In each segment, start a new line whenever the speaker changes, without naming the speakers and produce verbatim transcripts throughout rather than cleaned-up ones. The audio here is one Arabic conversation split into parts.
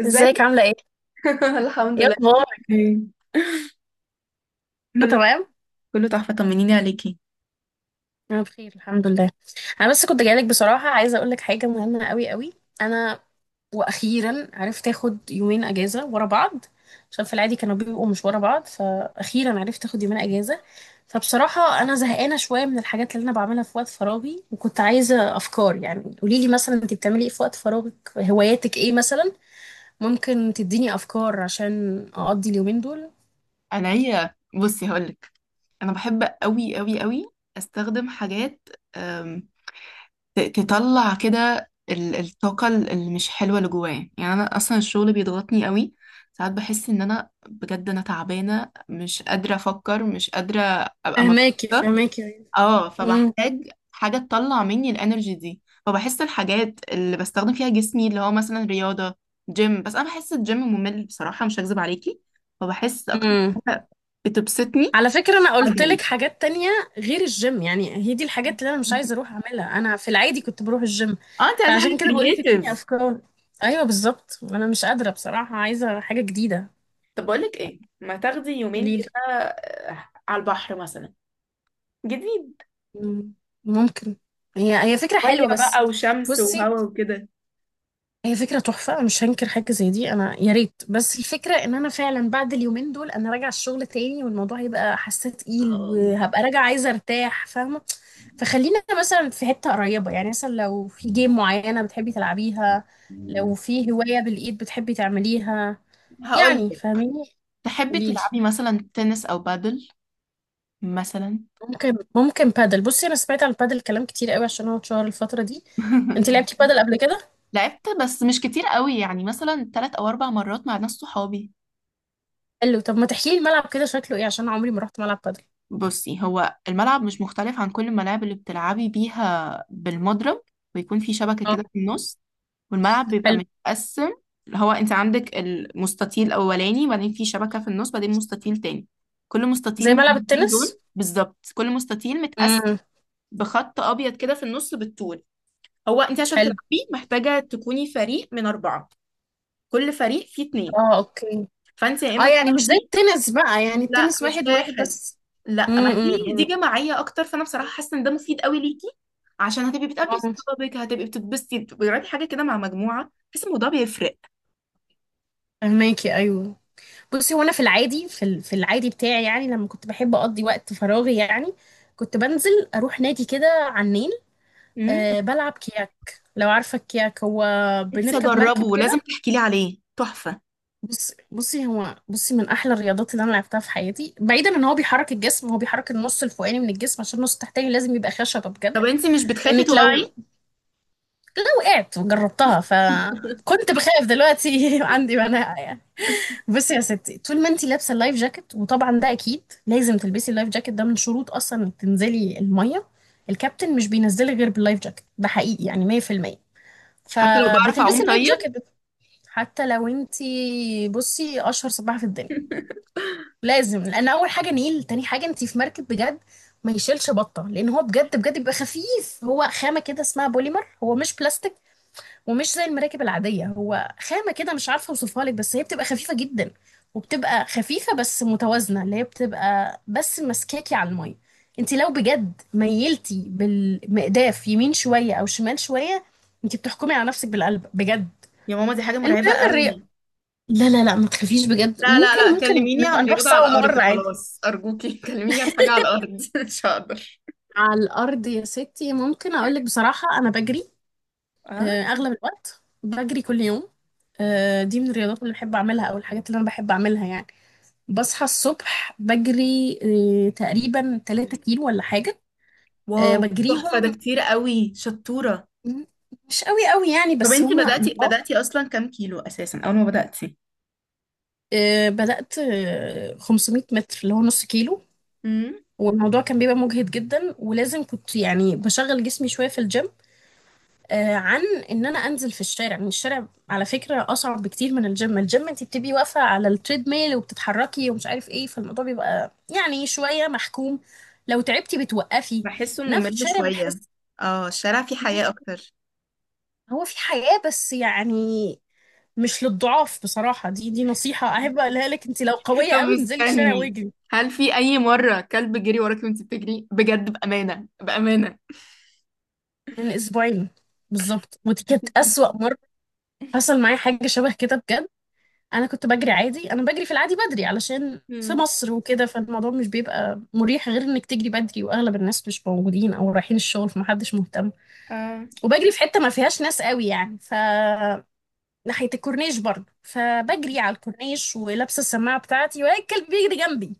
ازيك؟
ازيك عاملة ايه؟
الحمد
ايه
لله.
اخبارك؟
إيه.
كله
كله.
تمام؟
كله تحفة، طمنيني عليكي.
انا بخير الحمد لله. انا بس كنت جايلك بصراحة، عايزة اقولك حاجة مهمة قوي قوي. انا واخيرا عرفت اخد يومين اجازة ورا بعض، عشان في العادي كانوا بيبقوا مش ورا بعض، فاخيرا عرفت اخد يومين اجازة. فبصراحة انا زهقانة شوية من الحاجات اللي انا بعملها في وقت فراغي، وكنت عايزة افكار. يعني قوليلي مثلا، انت بتعملي ايه في وقت فراغك، هواياتك ايه مثلا؟ ممكن تديني افكار عشان اقضي اليومين دول.
انا هي بصي، هقولك، انا بحب قوي قوي قوي. استخدم حاجات، أم، ت- تطلع كده ال- الطاقه ال- اللي مش حلوه اللي جوايا. يعني انا اصلا الشغل بيضغطني قوي، ساعات بحس ان انا بجد انا تعبانه، مش قادره افكر، مش قادره ابقى
فهماكي
مبسوطه.
فهماكي.
اه، فبحتاج حاجة تطلع مني الانرجي دي، فبحس الحاجات اللي بستخدم فيها جسمي اللي هو مثلا رياضة، جيم. بس انا بحس الجيم ممل بصراحة، مش هكذب عليكي. فبحس اكتر
امم.
حاجة بتبسطني.
على فكرة أنا قلت لك
عجل.
حاجات تانية غير الجيم، يعني هي دي الحاجات اللي أنا مش عايزة أروح أعملها، أنا في العادي كنت بروح الجيم،
اه، انت عايزة
فعشان
حاجة
كده بقول لك اديني
كرييتيف.
أفكار. أيوة بالظبط، أنا مش قادرة بصراحة، عايزة حاجة جديدة.
طب بقولك ايه، ما تاخدي يومين
قوليلي.
كده آه، على البحر مثلا. جديد.
مم، ممكن. هي هي فكرة
ميه
حلوة، بس
بقى وشمس
بصي،
وهوا وكده.
هي فكرة تحفة مش هنكر حاجة زي دي، أنا يا ريت، بس الفكرة إن أنا فعلا بعد اليومين دول أنا راجعة الشغل تاني، والموضوع هيبقى حاسة تقيل،
اه،
وهبقى راجعة عايزة أرتاح، فاهمة؟ فخلينا مثلا في حتة قريبة، يعني مثلا لو في جيم معينة بتحبي تلعبيها، لو في هواية بالإيد بتحبي تعمليها،
هقول
يعني
لك.
فاهميني.
تحبي
قوليلي.
تلعبي مثلا تنس او بادل، مثلا.
ممكن ممكن بادل. بصي، أنا سمعت عن البادل كلام كتير قوي عشان هو اتشهر الفترة دي. انت لعبتي بادل قبل كده؟
لعبت، بس مش كتير قوي، يعني مثلا تلات او اربع مرات مع ناس صحابي.
حلو. طب ما تحكيلي الملعب كده شكله ايه، عشان أنا عمري ما رحت ملعب بادل.
بصي، هو الملعب مش مختلف عن كل الملاعب اللي بتلعبي بيها بالمضرب، ويكون في شبكة
اه.
كده في النص، والملعب بيبقى
حلو.
متقسم. اللي هو انت عندك المستطيل الاولاني، بعدين في شبكة في النص، بعدين مستطيل تاني. كل مستطيل
زي
من
ملعب
الاتنين
التنس.
دول بالظبط، كل مستطيل متقسم
امم.
بخط ابيض كده في النص بالطول. هو انت عشان
حلو.
تلعبيه محتاجة تكوني فريق من اربعة، كل فريق فيه اتنين.
اه، اوكي.
فانت يا
اه،
اما
يعني مش زي
بتاخدي.
التنس بقى، يعني
لا،
التنس
مش
واحد وواحد
واحد.
بس؟
لا،
امم،
ما
أمم،
دي دي
أمم.
جماعيه اكتر، فانا بصراحه حاسه ان ده مفيد قوي ليكي. عشان هتبقي بتقابلي
اه.
صحابك، هتبقي بتتبسطي، بتجربي حاجه كده مع مجموعه، بحس الموضوع بيفرق.
فهماكي، ايوه. بصي، وانا في العادي في ال- في العادي بتاعي، يعني لما كنت بحب اقضي وقت فراغي، يعني كنت بنزل اروح نادي كده على النيل.
امم.
أه، بلعب كياك، لو عارفه الكياك هو
نفسي
بنركب مركب
اجربه، لازم
كده.
تحكي لي عليه، تحفه.
بص بصي هو بصي من احلى الرياضات اللي انا لعبتها في حياتي، بعيدا ان هو بيحرك الجسم، هو بيحرك النص الفوقاني من الجسم، عشان النص التحتاني لازم يبقى خشبه بجد.
طب انت مش بتخافي
لانك لو
تقعي؟
لو وقعت وجربتها، فكنت بخاف دلوقتي، عندي مناعه يعني. بصي يا ستي، طول ما انتي لابسه اللايف جاكيت، وطبعا ده اكيد لازم تلبسي اللايف جاكيت، ده من شروط اصلا انك تنزلي الميه، الكابتن مش بينزلك غير باللايف جاكيت، ده حقيقي يعني مية في المية.
حتى لو بعرف اعوم
فبتلبسي اللايف
طيب؟
جاكيت بت- حتى لو انتي، بصي اشهر سباحه في الدنيا، لازم. لان اول حاجه نيل، تاني حاجه انتي في مركب بجد ما يشيلش بطه، لان هو بجد بجد بيبقى خفيف، هو خامه كده اسمها بوليمر، هو مش بلاستيك، ومش زي المراكب العادية، هو خامة كده مش عارفة اوصفها لك، بس هي بتبقى خفيفة جدا، وبتبقى خفيفة بس متوازنة، اللي هي بتبقى بس ماسكاكي على المية. انت لو بجد ميلتي بالمقداف يمين شوية او شمال شوية، انت بتحكمي على نفسك بالقلب بجد.
يا ماما، دي حاجه مرعبه
المهم الرياضة.
قوي.
لا لا لا، ما تخافيش بجد،
لا لا
ممكن
لا،
ممكن
كلميني عن
نبقى نروح
رياضه على
سوا
الارض،
مرة عادي.
خلاص ارجوكي. كلميني عن حاجه على الارض، مش هقدر.
على الأرض يا ستي، ممكن أقولك بصراحة أنا بجري.
اه.
آه، أغلب الوقت بجري كل يوم. آه، دي من الرياضات اللي بحب أعملها أو الحاجات اللي أنا بحب أعملها يعني. بصحى الصبح بجري، آه، تقريبا 3 كيلو ولا حاجة. آه،
واو، تحفه، ده
بجريهم
كتير قوي، شطوره.
مش قوي قوي يعني،
طب
بس
انتي
هما
بدأتي،
لطاف.
بدأتي اصلا كام كيلو اساسا اول ما بدأتي؟
آه، بدأت آه، 500 متر اللي هو نص كيلو،
امم.
والموضوع كان بيبقى مجهد جدا، ولازم كنت يعني بشغل جسمي شوية في الجيم، آه، عن ان انا انزل في الشارع. يعني الشارع على فكرة اصعب بكتير من الجيم، الجيم انت بتبقي واقفة على التريد ميل وبتتحركي ومش عارف ايه، فالموضوع بيبقى يعني شوية محكوم، لو تعبتي بتوقفي،
بحسه
انما في
ممل
الشارع
شوية.
بحس.
اه، الشارع فيه حياة اكتر.
هو في حياة، بس يعني مش للضعاف بصراحة، دي دي نصيحة أحب أقولها لك، أنت لو قوية
طب
قوي انزلي الشارع
استني،
واجري.
هل في أي مرة كلب جري وراكي وانت بتجري بجد؟ بأمانة، بأمانة.
من أسبوعين بالظبط، ودي كانت أسوأ مرة. حصل معايا حاجة شبه كده بجد. أنا كنت بجري عادي، أنا بجري في العادي بدري، علشان في
امم.
مصر وكده، فالموضوع مش بيبقى مريح غير إنك تجري بدري، وأغلب الناس مش موجودين أو رايحين الشغل، فمحدش مهتم.
اه.
وبجري في حتة ما فيهاش ناس قوي، يعني ف ناحية الكورنيش برضه، فبجري على الكورنيش ولابسة السماعة بتاعتي، وهي الكلب بيجري جنبي،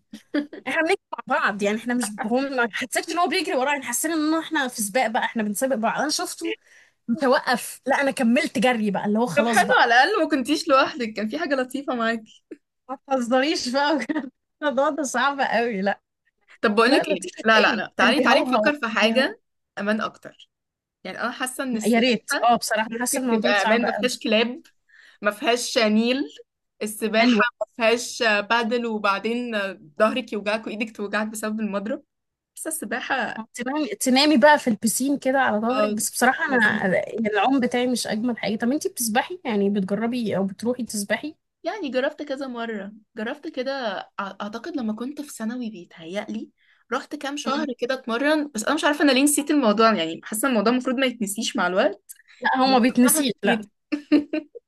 احنا بنجري مع بعض يعني، احنا مش هم، ما حسيتش ان هو بيجري ورايا، احنا حسينا ان احنا في سباق بقى، احنا بنسابق بعض. انا شفته متوقف، لا انا كملت جري بقى، اللي هو
طب
خلاص
حلو،
بقى.
على الأقل ما كنتيش لوحدك، كان في حاجة لطيفة معاكي.
ما تهزريش بقى بجد. الموضوع ده صعب قوي، لا.
طب
لا
بقولك ايه،
لطيفة
لا لا
ايه،
لا،
كان
تعالي تعالي
بيهوهو
نفكر في
كان بيهوهو.
حاجة أمان أكتر. يعني انا حاسه ان
يا ريت،
السباحه
اه بصراحة انا
ممكن
حاسة الموضوع
تبقى امان،
صعب
ما
قوي.
فيهاش كلاب، ما فيهاش نيل. السباحه
حلوة.
ما فيهاش بادل، وبعدين ظهرك يوجعك وايدك توجعك بسبب المضرب. حاسه السباحه
تنامي تنامي بقى في البسين كده على ظهرك،
اه
بس بصراحة
لذيذه.
انا العوم بتاعي مش اجمل حاجة. طب انتي بتسبحي يعني، بتجربي او بتروحي تسبحي؟
يعني جربت كذا مره، جربت كده، أع- اعتقد لما كنت في ثانوي، بيتهيألي رحت كام شهر
مم.
كده اتمرن، بس انا مش عارفه انا ليه نسيت الموضوع. يعني حاسه الموضوع المفروض ما يتنسيش مع الوقت.
لا، هو
بس
ما
أنا
بيتنسيش، لا.
نسيته.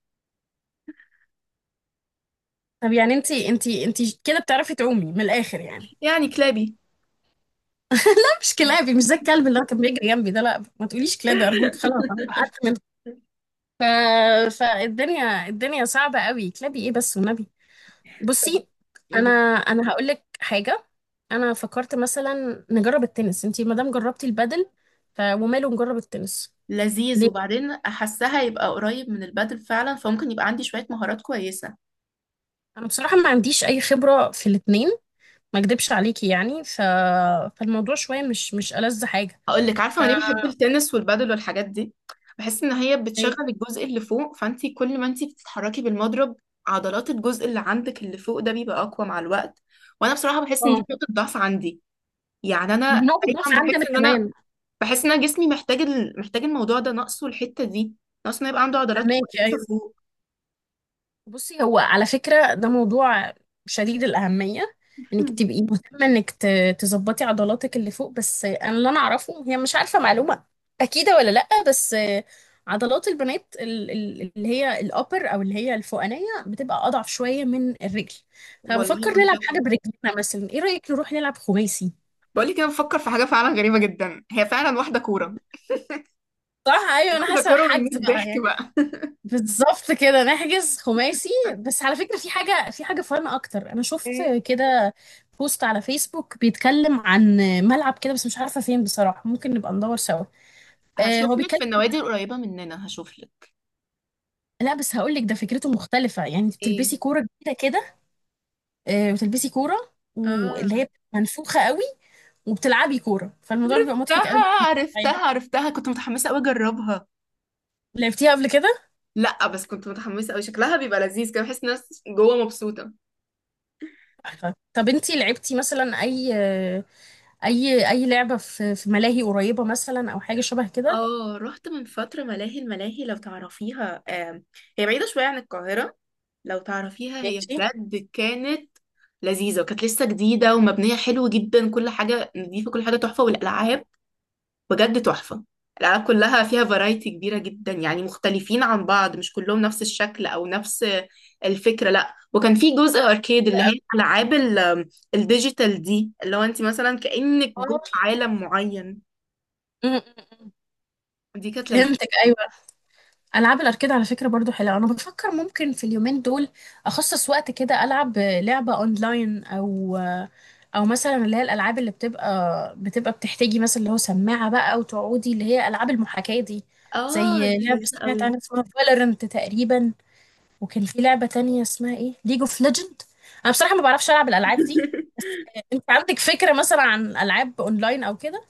طب يعني انتي انتي انتي كده بتعرفي تعومي من الاخر يعني؟
يعني كلابي.
أنا مش كلابي، مش زي الكلب اللي هو كان بيجري جنبي ده، لا ما تقوليش كلابي ارجوك، خلاص انا اتعقدت منه. ف... فالدنيا الدنيا صعبه قوي، كلابي ايه بس والنبي.
طب
بصي انا
قولي.
انا هقول لك حاجه. انا فكرت مثلا نجرب التنس، انتي ما دام جربتي البادل، ف... وماله نجرب التنس.
لذيذ،
ليه،
وبعدين احسها يبقى قريب من البادل فعلا، فممكن يبقى عندي شوية مهارات كويسة.
انا بصراحه ما عنديش اي خبره في الاتنين، ما اكدبش عليكي يعني، ف... فالموضوع شويه مش مش ألذ حاجه.
هقول لك عارفه انا ليه بحب التنس والبادل والحاجات دي. بحس ان هي بتشغل الجزء اللي فوق، فانت كل ما انت بتتحركي بالمضرب، عضلات الجزء اللي عندك اللي فوق ده بيبقى اقوى مع الوقت. وانا بصراحه بحس ان دي
ف...
نقطه ضعف عندي. يعني
ما هي
انا
نقطة ضعف
دايما
عندنا
بحس ان انا
كمان.
بحس ان انا جسمي محتاج ال... محتاج الموضوع ده، ناقصه الحته دي، ناقصه انه يبقى عنده عضلات
فهماكي
كويسه
أيوة.
فوق.
بصي، هو على فكرة ده موضوع شديد الأهمية، إنك تبقي مهتمة إنك ت- تظبطي عضلاتك اللي فوق، بس أنا اللي أنا أعرفه، هي مش عارفة معلومة أكيدة ولا لأ، بس عضلات البنات ال- ال- اللي هي الأبر أو اللي هي الفوقانية بتبقى أضعف شوية من الرجل.
والله
فبفكر نلعب حاجة
منطقي.
برجلنا، مثلا إيه رأيك نروح نلعب خماسي؟
بقولك انا بفكر في حاجه فعلا غريبه جدا، هي فعلا واحده كوره،
صح، أيوة أنا
واحده
حاسة،
كوره من
حجز
مية ضحك
بقى.
بقى.
بالظبط كده نحجز خماسي. بس على فكرة في حاجة، في حاجة فن أكتر، أنا شفت
ايه،
كده بوست على فيسبوك بيتكلم عن ملعب كده، بس مش عارفة فين بصراحة، ممكن نبقى ندور سوا. آه هو
هشوف لك
بيتكلم،
في النوادي القريبه مننا، هشوف لك.
لا بس هقول لك، ده فكرته مختلفة، يعني انت
ايه.
بتلبسي كورة جديدة كده، آه وتلبسي كورة
اه.
واللي هي منفوخة قوي، وبتلعبي كورة، فالموضوع بيبقى مضحك قوي.
عرفتها
طيب،
عرفتها عرفتها، كنت متحمسه قوي اجربها.
لعبتيها قبل كده؟
لا، بس كنت متحمسه قوي، شكلها بيبقى لذيذ كده، بحس الناس جوه مبسوطه.
تحفة. طب انتي لعبتي مثلا أي آه، أي أي لعبة في في ملاهي قريبة مثلا أو حاجة شبه كده؟
اه، رحت من فترة ملاهي، الملاهي لو تعرفيها آم، هي بعيدة شوية عن القاهرة. لو تعرفيها هي
ماشي.
بجد كانت لذيذة، وكانت لسه جديدة ومبنية حلو جدا. كل حاجة نضيفة، كل حاجة تحفة، والألعاب بجد تحفة. الألعاب كلها فيها فرايتي كبيرة جدا، يعني مختلفين عن بعض، مش كلهم نفس الشكل أو نفس الفكرة. لا، وكان في جزء أركيد، اللي هي الألعاب ال- الديجيتال دي، اللي هو أنت مثلا كأنك
اه.
جوه عالم معين.
م- م- م.
دي كانت لذيذة.
فهمتك ايوه. العاب الاركيد على فكره برضو حلوه، انا بفكر ممكن في اليومين دول اخصص وقت كده العب لعبه اونلاين، او او مثلا اللي هي الالعاب اللي بتبقى بتبقى بتحتاجي مثلا اللي هو سماعه بقى وتقعدي، اللي هي العاب المحاكاه دي.
اه،
زي
دي
لعبه
لذيذة
سمعت
قوي.
عنها اسمها فالورنت تقريبا، وكان في لعبه تانية اسمها ايه ليج اوف ليجند. انا بصراحه ما بعرفش العب الالعاب دي. انت عندك فكره مثلا عن العاب اونلاين او كده؟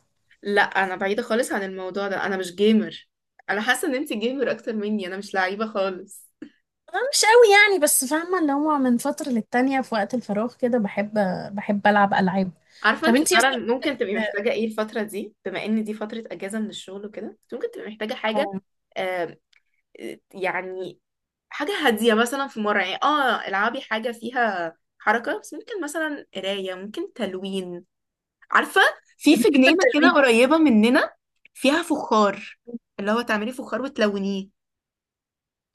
لا، انا بعيده خالص عن الموضوع ده، انا مش جيمر. انا حاسه ان انت جيمر اكتر مني، انا مش لعيبه خالص.
آه، مش قوي يعني، بس فاهمة اللي هو من فترة للتانية في وقت الفراغ كده بحب بحب ألعب ألعاب.
عارفه
طب
انت
انتي
فعلا
مثلا،
ممكن تبقي محتاجه ايه الفتره دي، بما ان دي فتره اجازه من الشغل وكده، انت ممكن تبقي محتاجه حاجه.
اه.
آه، يعني حاجه هاديه، مثلا في مره يعني اه العبي حاجه فيها حركه، بس ممكن مثلا قرايه، ممكن تلوين. عارفه، في في
بحب
جنينه كده
التلوين.
قريبه مننا فيها فخار، اللي هو تعملي فخار وتلونيه.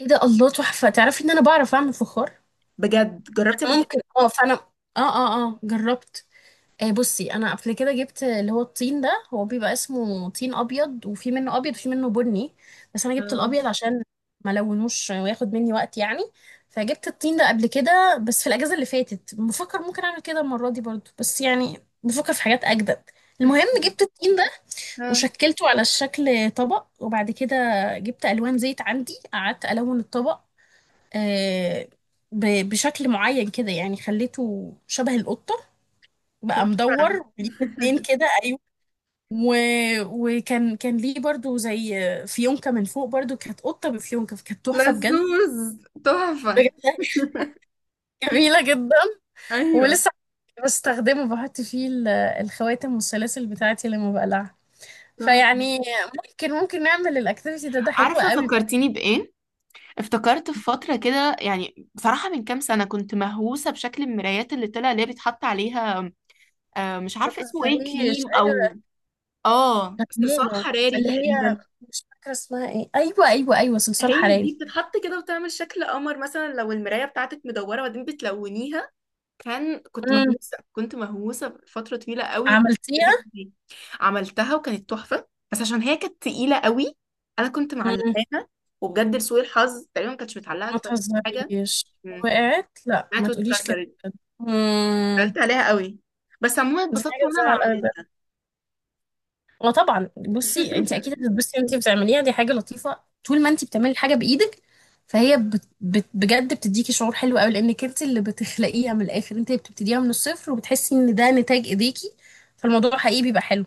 ايه ده، الله، تحفة. تعرفي ان انا بعرف اعمل فخار؟
بجد، جربتي قبل كده؟
ممكن اه، فانا اه، اه اه جربت. آه، بصي انا قبل كده جبت اللي هو الطين ده، هو بيبقى اسمه طين ابيض، وفي منه ابيض وفي منه بني، بس انا جبت
اه.
الابيض عشان ما لونوش وياخد مني وقت يعني. فجبت الطين ده قبل كده، بس في الاجازه اللي فاتت، بفكر ممكن اعمل كده المره دي برضو، بس يعني بفكر في حاجات اجدد. المهم، جبت الطين ده
اه.
وشكلته على شكل طبق، وبعد كده جبت الوان زيت عندي، قعدت الون الطبق آه، ب- بشكل معين كده، يعني خليته شبه القطه، بقى
تحفة.
مدور ليه اتنين كده، ايوه. و... وكان كان ليه برضو زي فيونكة من فوق، برضو كانت قطة بفيونكة، كانت تحفة بجد.
لزوز، تحفة.
بجد جميلة جدا،
ايوه،
ولسه بستخدمه بحط فيه ال- الخواتم والسلاسل بتاعتي لما بقلعها.
تحفة.
فيعني ممكن ممكن نعمل الاكتيفيتي ده، ده حلو
عارفة
قوي بجد.
فكرتيني بإيه؟ افتكرت في فترة كده، يعني بصراحة من كام سنة كنت مهووسة بشكل المرايات اللي طلع، اللي هي بيتحط عليها، آه مش
ما
عارفة اسمه ايه،
تهزريش
كليم أو
ايوه،
اه
كانت
صلصال
موضة،
حراري
اللي هي
تقريبا.
مش فاكرة اسمها ايه، ايوه ايوه ايوه، صلصال
هي
حراري.
دي بتتحط كده وتعمل شكل قمر مثلا لو المراية بتاعتك مدورة، وبعدين بتلونيها. كان، كنت
امم.
مهووسة، كنت مهووسة فترة طويلة قوي
عملتيها.
بالاكتيفيتي دي. عملتها وكانت تحفة، بس عشان هي كانت تقيلة قوي أنا كنت معلقاها، وبجد لسوء الحظ تقريبا ما كانتش متعلقة
ما
كويس حاجة.
تهزريش،
امم.
وقعت؟ لا
طلعت
ما تقوليش كده.
واتكسرت،
امم.
قلت عليها قوي. بس عموما
دي
اتبسطت
حاجه
وأنا
تزعل قوي بجد.
بعملها.
وطبعا بصي، انت اكيد هتتبسطي وانت بتعمليها، دي حاجه لطيفه طول ما انت بتعملي حاجه بايدك، فهي بت بت بجد بتديكي شعور حلو قوي، لانك انت اللي بتخلقيها من الاخر، انت اللي بتبتديها من الصفر، وبتحسي ان ده نتاج ايديكي، فالموضوع حقيقي بيبقى حلو.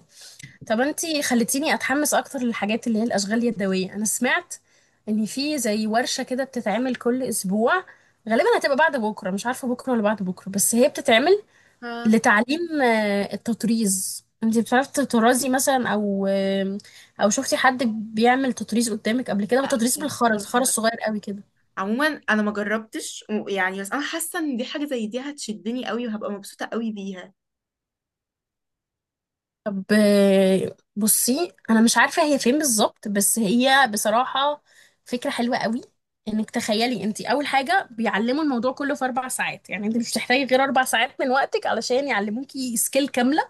طب انتي خلتيني اتحمس اكتر للحاجات اللي هي الاشغال اليدويه. انا سمعت ان في زي ورشه كده بتتعمل كل اسبوع، غالبا هتبقى بعد بكره، مش عارفه بكره ولا بعد بكره، بس هي بتتعمل
ها.
لتعليم آه، التطريز. انتي بتعرفي تطرزي مثلا او آه، او شفتي حد بيعمل تطريز قدامك قبل كده؟ هو
لا،
تطريز
كانت
بالخرز، خرز
تحفة.
صغير قوي كده.
عموما انا ما جربتش و- يعني، بس انا حاسه ان دي، حاجه زي دي هتشدني قوي وهبقى مبسوطه قوي بيها.
طب آه، بصي انا مش عارفه هي فين بالظبط، بس هي بصراحه فكره حلوه قوي، انك تخيلي، انت اول حاجه بيعلموا الموضوع كله في اربع ساعات، يعني انت مش هتحتاجي غير اربع ساعات من وقتك علشان يعلموكي سكيل كامله،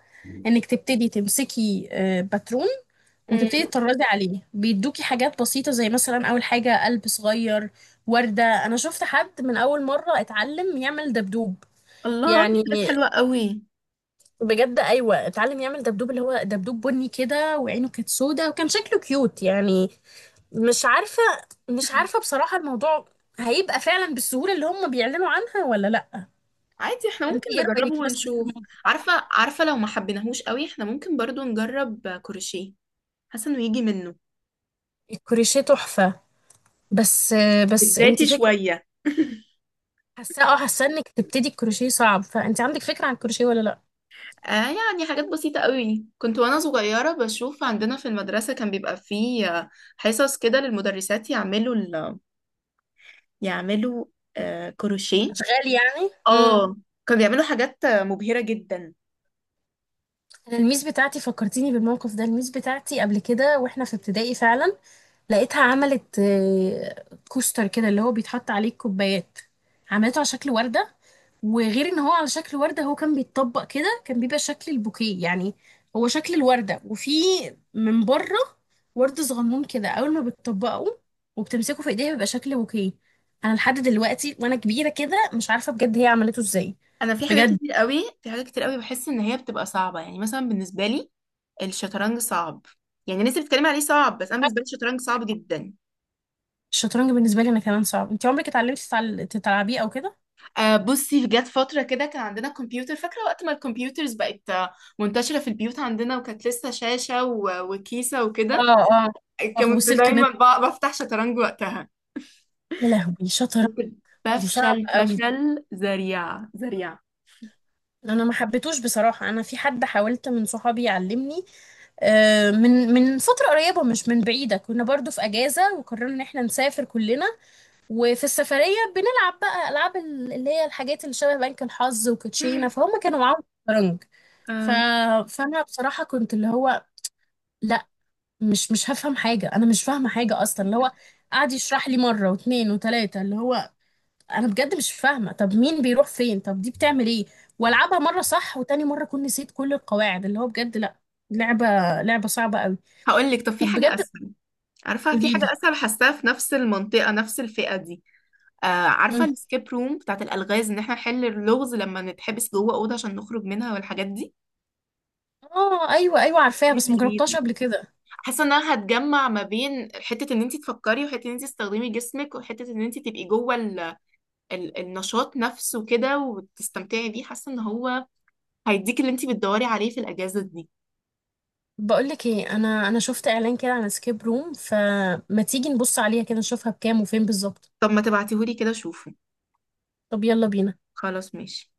انك تبتدي تمسكي آه، باترون وتبتدي
امم.
تطردي عليه بيدوكي حاجات بسيطه، زي مثلا اول حاجه قلب صغير، ورده. انا شفت حد من اول مره اتعلم يعمل دبدوب
الله، في حاجات
يعني،
حلوه قوي.
بجد ايوه، اتعلم يعمل دبدوب، اللي هو دبدوب بني كده وعينه كانت سودة، وكان شكله كيوت يعني. مش عارفه مش عارفه بصراحه، الموضوع هيبقى فعلا بالسهوله اللي هم بيعلنوا عنها ولا لا؟
عادي، احنا
فانت
ممكن
ايه
نجربه
رايك مثلا في
ونشوف.
الموضوع؟
عارفة عارفة لو ما حبيناهوش قوي احنا ممكن برضو نجرب كروشيه، حاسة انه يجي منه
الكروشيه تحفه، بس بس انت
بدايتي
فكره.
شوية.
حاسه اه، حاسه انك تبتدي الكروشيه صعب، فانت عندك فكره عن الكروشيه ولا لا؟
آه، يعني حاجات بسيطة قوي، كنت وانا صغيرة بشوف عندنا في المدرسة كان بيبقى فيه آه، حصص كده للمدرسات يعملوا ال... يعملوا آه كروشيه.
اشغال يعني، امم.
اه، كانوا بيعملوا حاجات آه، مبهرة جدا.
انا الميس بتاعتي فكرتيني بالموقف ده، الميس بتاعتي قبل كده واحنا في ابتدائي فعلا لقيتها عملت آه، كوستر كده اللي هو بيتحط عليه الكوبايات. عملته على شكل وردة، وغير ان هو على شكل وردة، هو كان بيتطبق كده، كان بيبقى شكل البوكيه يعني، هو شكل الوردة وفي من بره ورد صغنون كده، اول ما بتطبقه وبتمسكه في ايديها بيبقى شكل بوكيه. انا لحد دلوقتي وانا كبيرة كده مش عارفة بجد هي عملته ازاي.
انا في حاجات
بجد.
كتير قوي في حاجات كتير قوي بحس ان هي بتبقى صعبه، يعني مثلا بالنسبه لي الشطرنج صعب. يعني الناس اللي بتتكلم عليه صعب، بس انا بالنسبه لي الشطرنج صعب جدا.
الشطرنج بالنسبة لي انا كمان صعب، انت عمرك اتعلمتي تتعل- تلعبيه او كده؟
آه بصي، جت فتره كده كان عندنا كمبيوتر، فاكره وقت ما الكمبيوترز بقت آه، منتشره في البيوت عندنا، وكانت لسه شاشه و- وكيسه وكده.
اه. اه
كنت
وسلك
دايما
نت.
ب- بفتح شطرنج وقتها،
يا لهوي شطرنج.
كنت
دي صعبة
بفشل
قوي،
فشل ذريع ذريع.
انا ما حبيتوش بصراحة، انا في حد حاولت من صحابي يعلمني آه، من من فترة قريبة مش من بعيدة، كنا برضو في اجازة وقررنا ان احنا نسافر كلنا، وفي السفرية بنلعب بقى العاب ال- اللي هي الحاجات اللي شبه بنك الحظ وكوتشينة، فهم كانوا معاهم شطرنج. ف...
آه
فانا بصراحة كنت اللي هو، لا مش مش هفهم حاجة، انا مش فاهمة حاجة اصلا، اللي هو قعد يشرح لي مرة واتنين وتلاتة، اللي هو انا بجد مش فاهمه، طب مين بيروح فين، طب دي بتعمل ايه، والعبها مره صح وتاني مره اكون نسيت كل القواعد، اللي هو بجد لا، لعبه، لعبه صعبه قوي.
هقول لك، طب في
طب
حاجه
بجد،
اسهل. عارفه في
قولي لي.
حاجه اسهل حاساها في نفس المنطقه، نفس الفئه دي. آه عارفة
مم.
السكيب روم بتاعت الألغاز، إن احنا نحل اللغز لما نتحبس جوه أوضة عشان نخرج منها والحاجات دي.
اه ايوه ايوه عارفاها
دي
بس مجربتهاش
لذيذة،
قبل كده.
حاسة إن أنا هتجمع ما بين حتة إن أنت تفكري، وحتة إن أنت تستخدمي جسمك، وحتة إن أنت تبقي جوه ال... ال... النشاط نفسه كده وتستمتعي بيه، حاسة إن هو هيديك اللي أنت بتدوري عليه في الأجازة دي.
بقول لك ايه، انا انا شفت اعلان كده عن سكيب روم، فما تيجي نبص عليها كده نشوفها بكام وفين بالظبط.
طب ما تبعتيهولي كده شوفه.
طب يلا بينا.
خلاص، ماشي.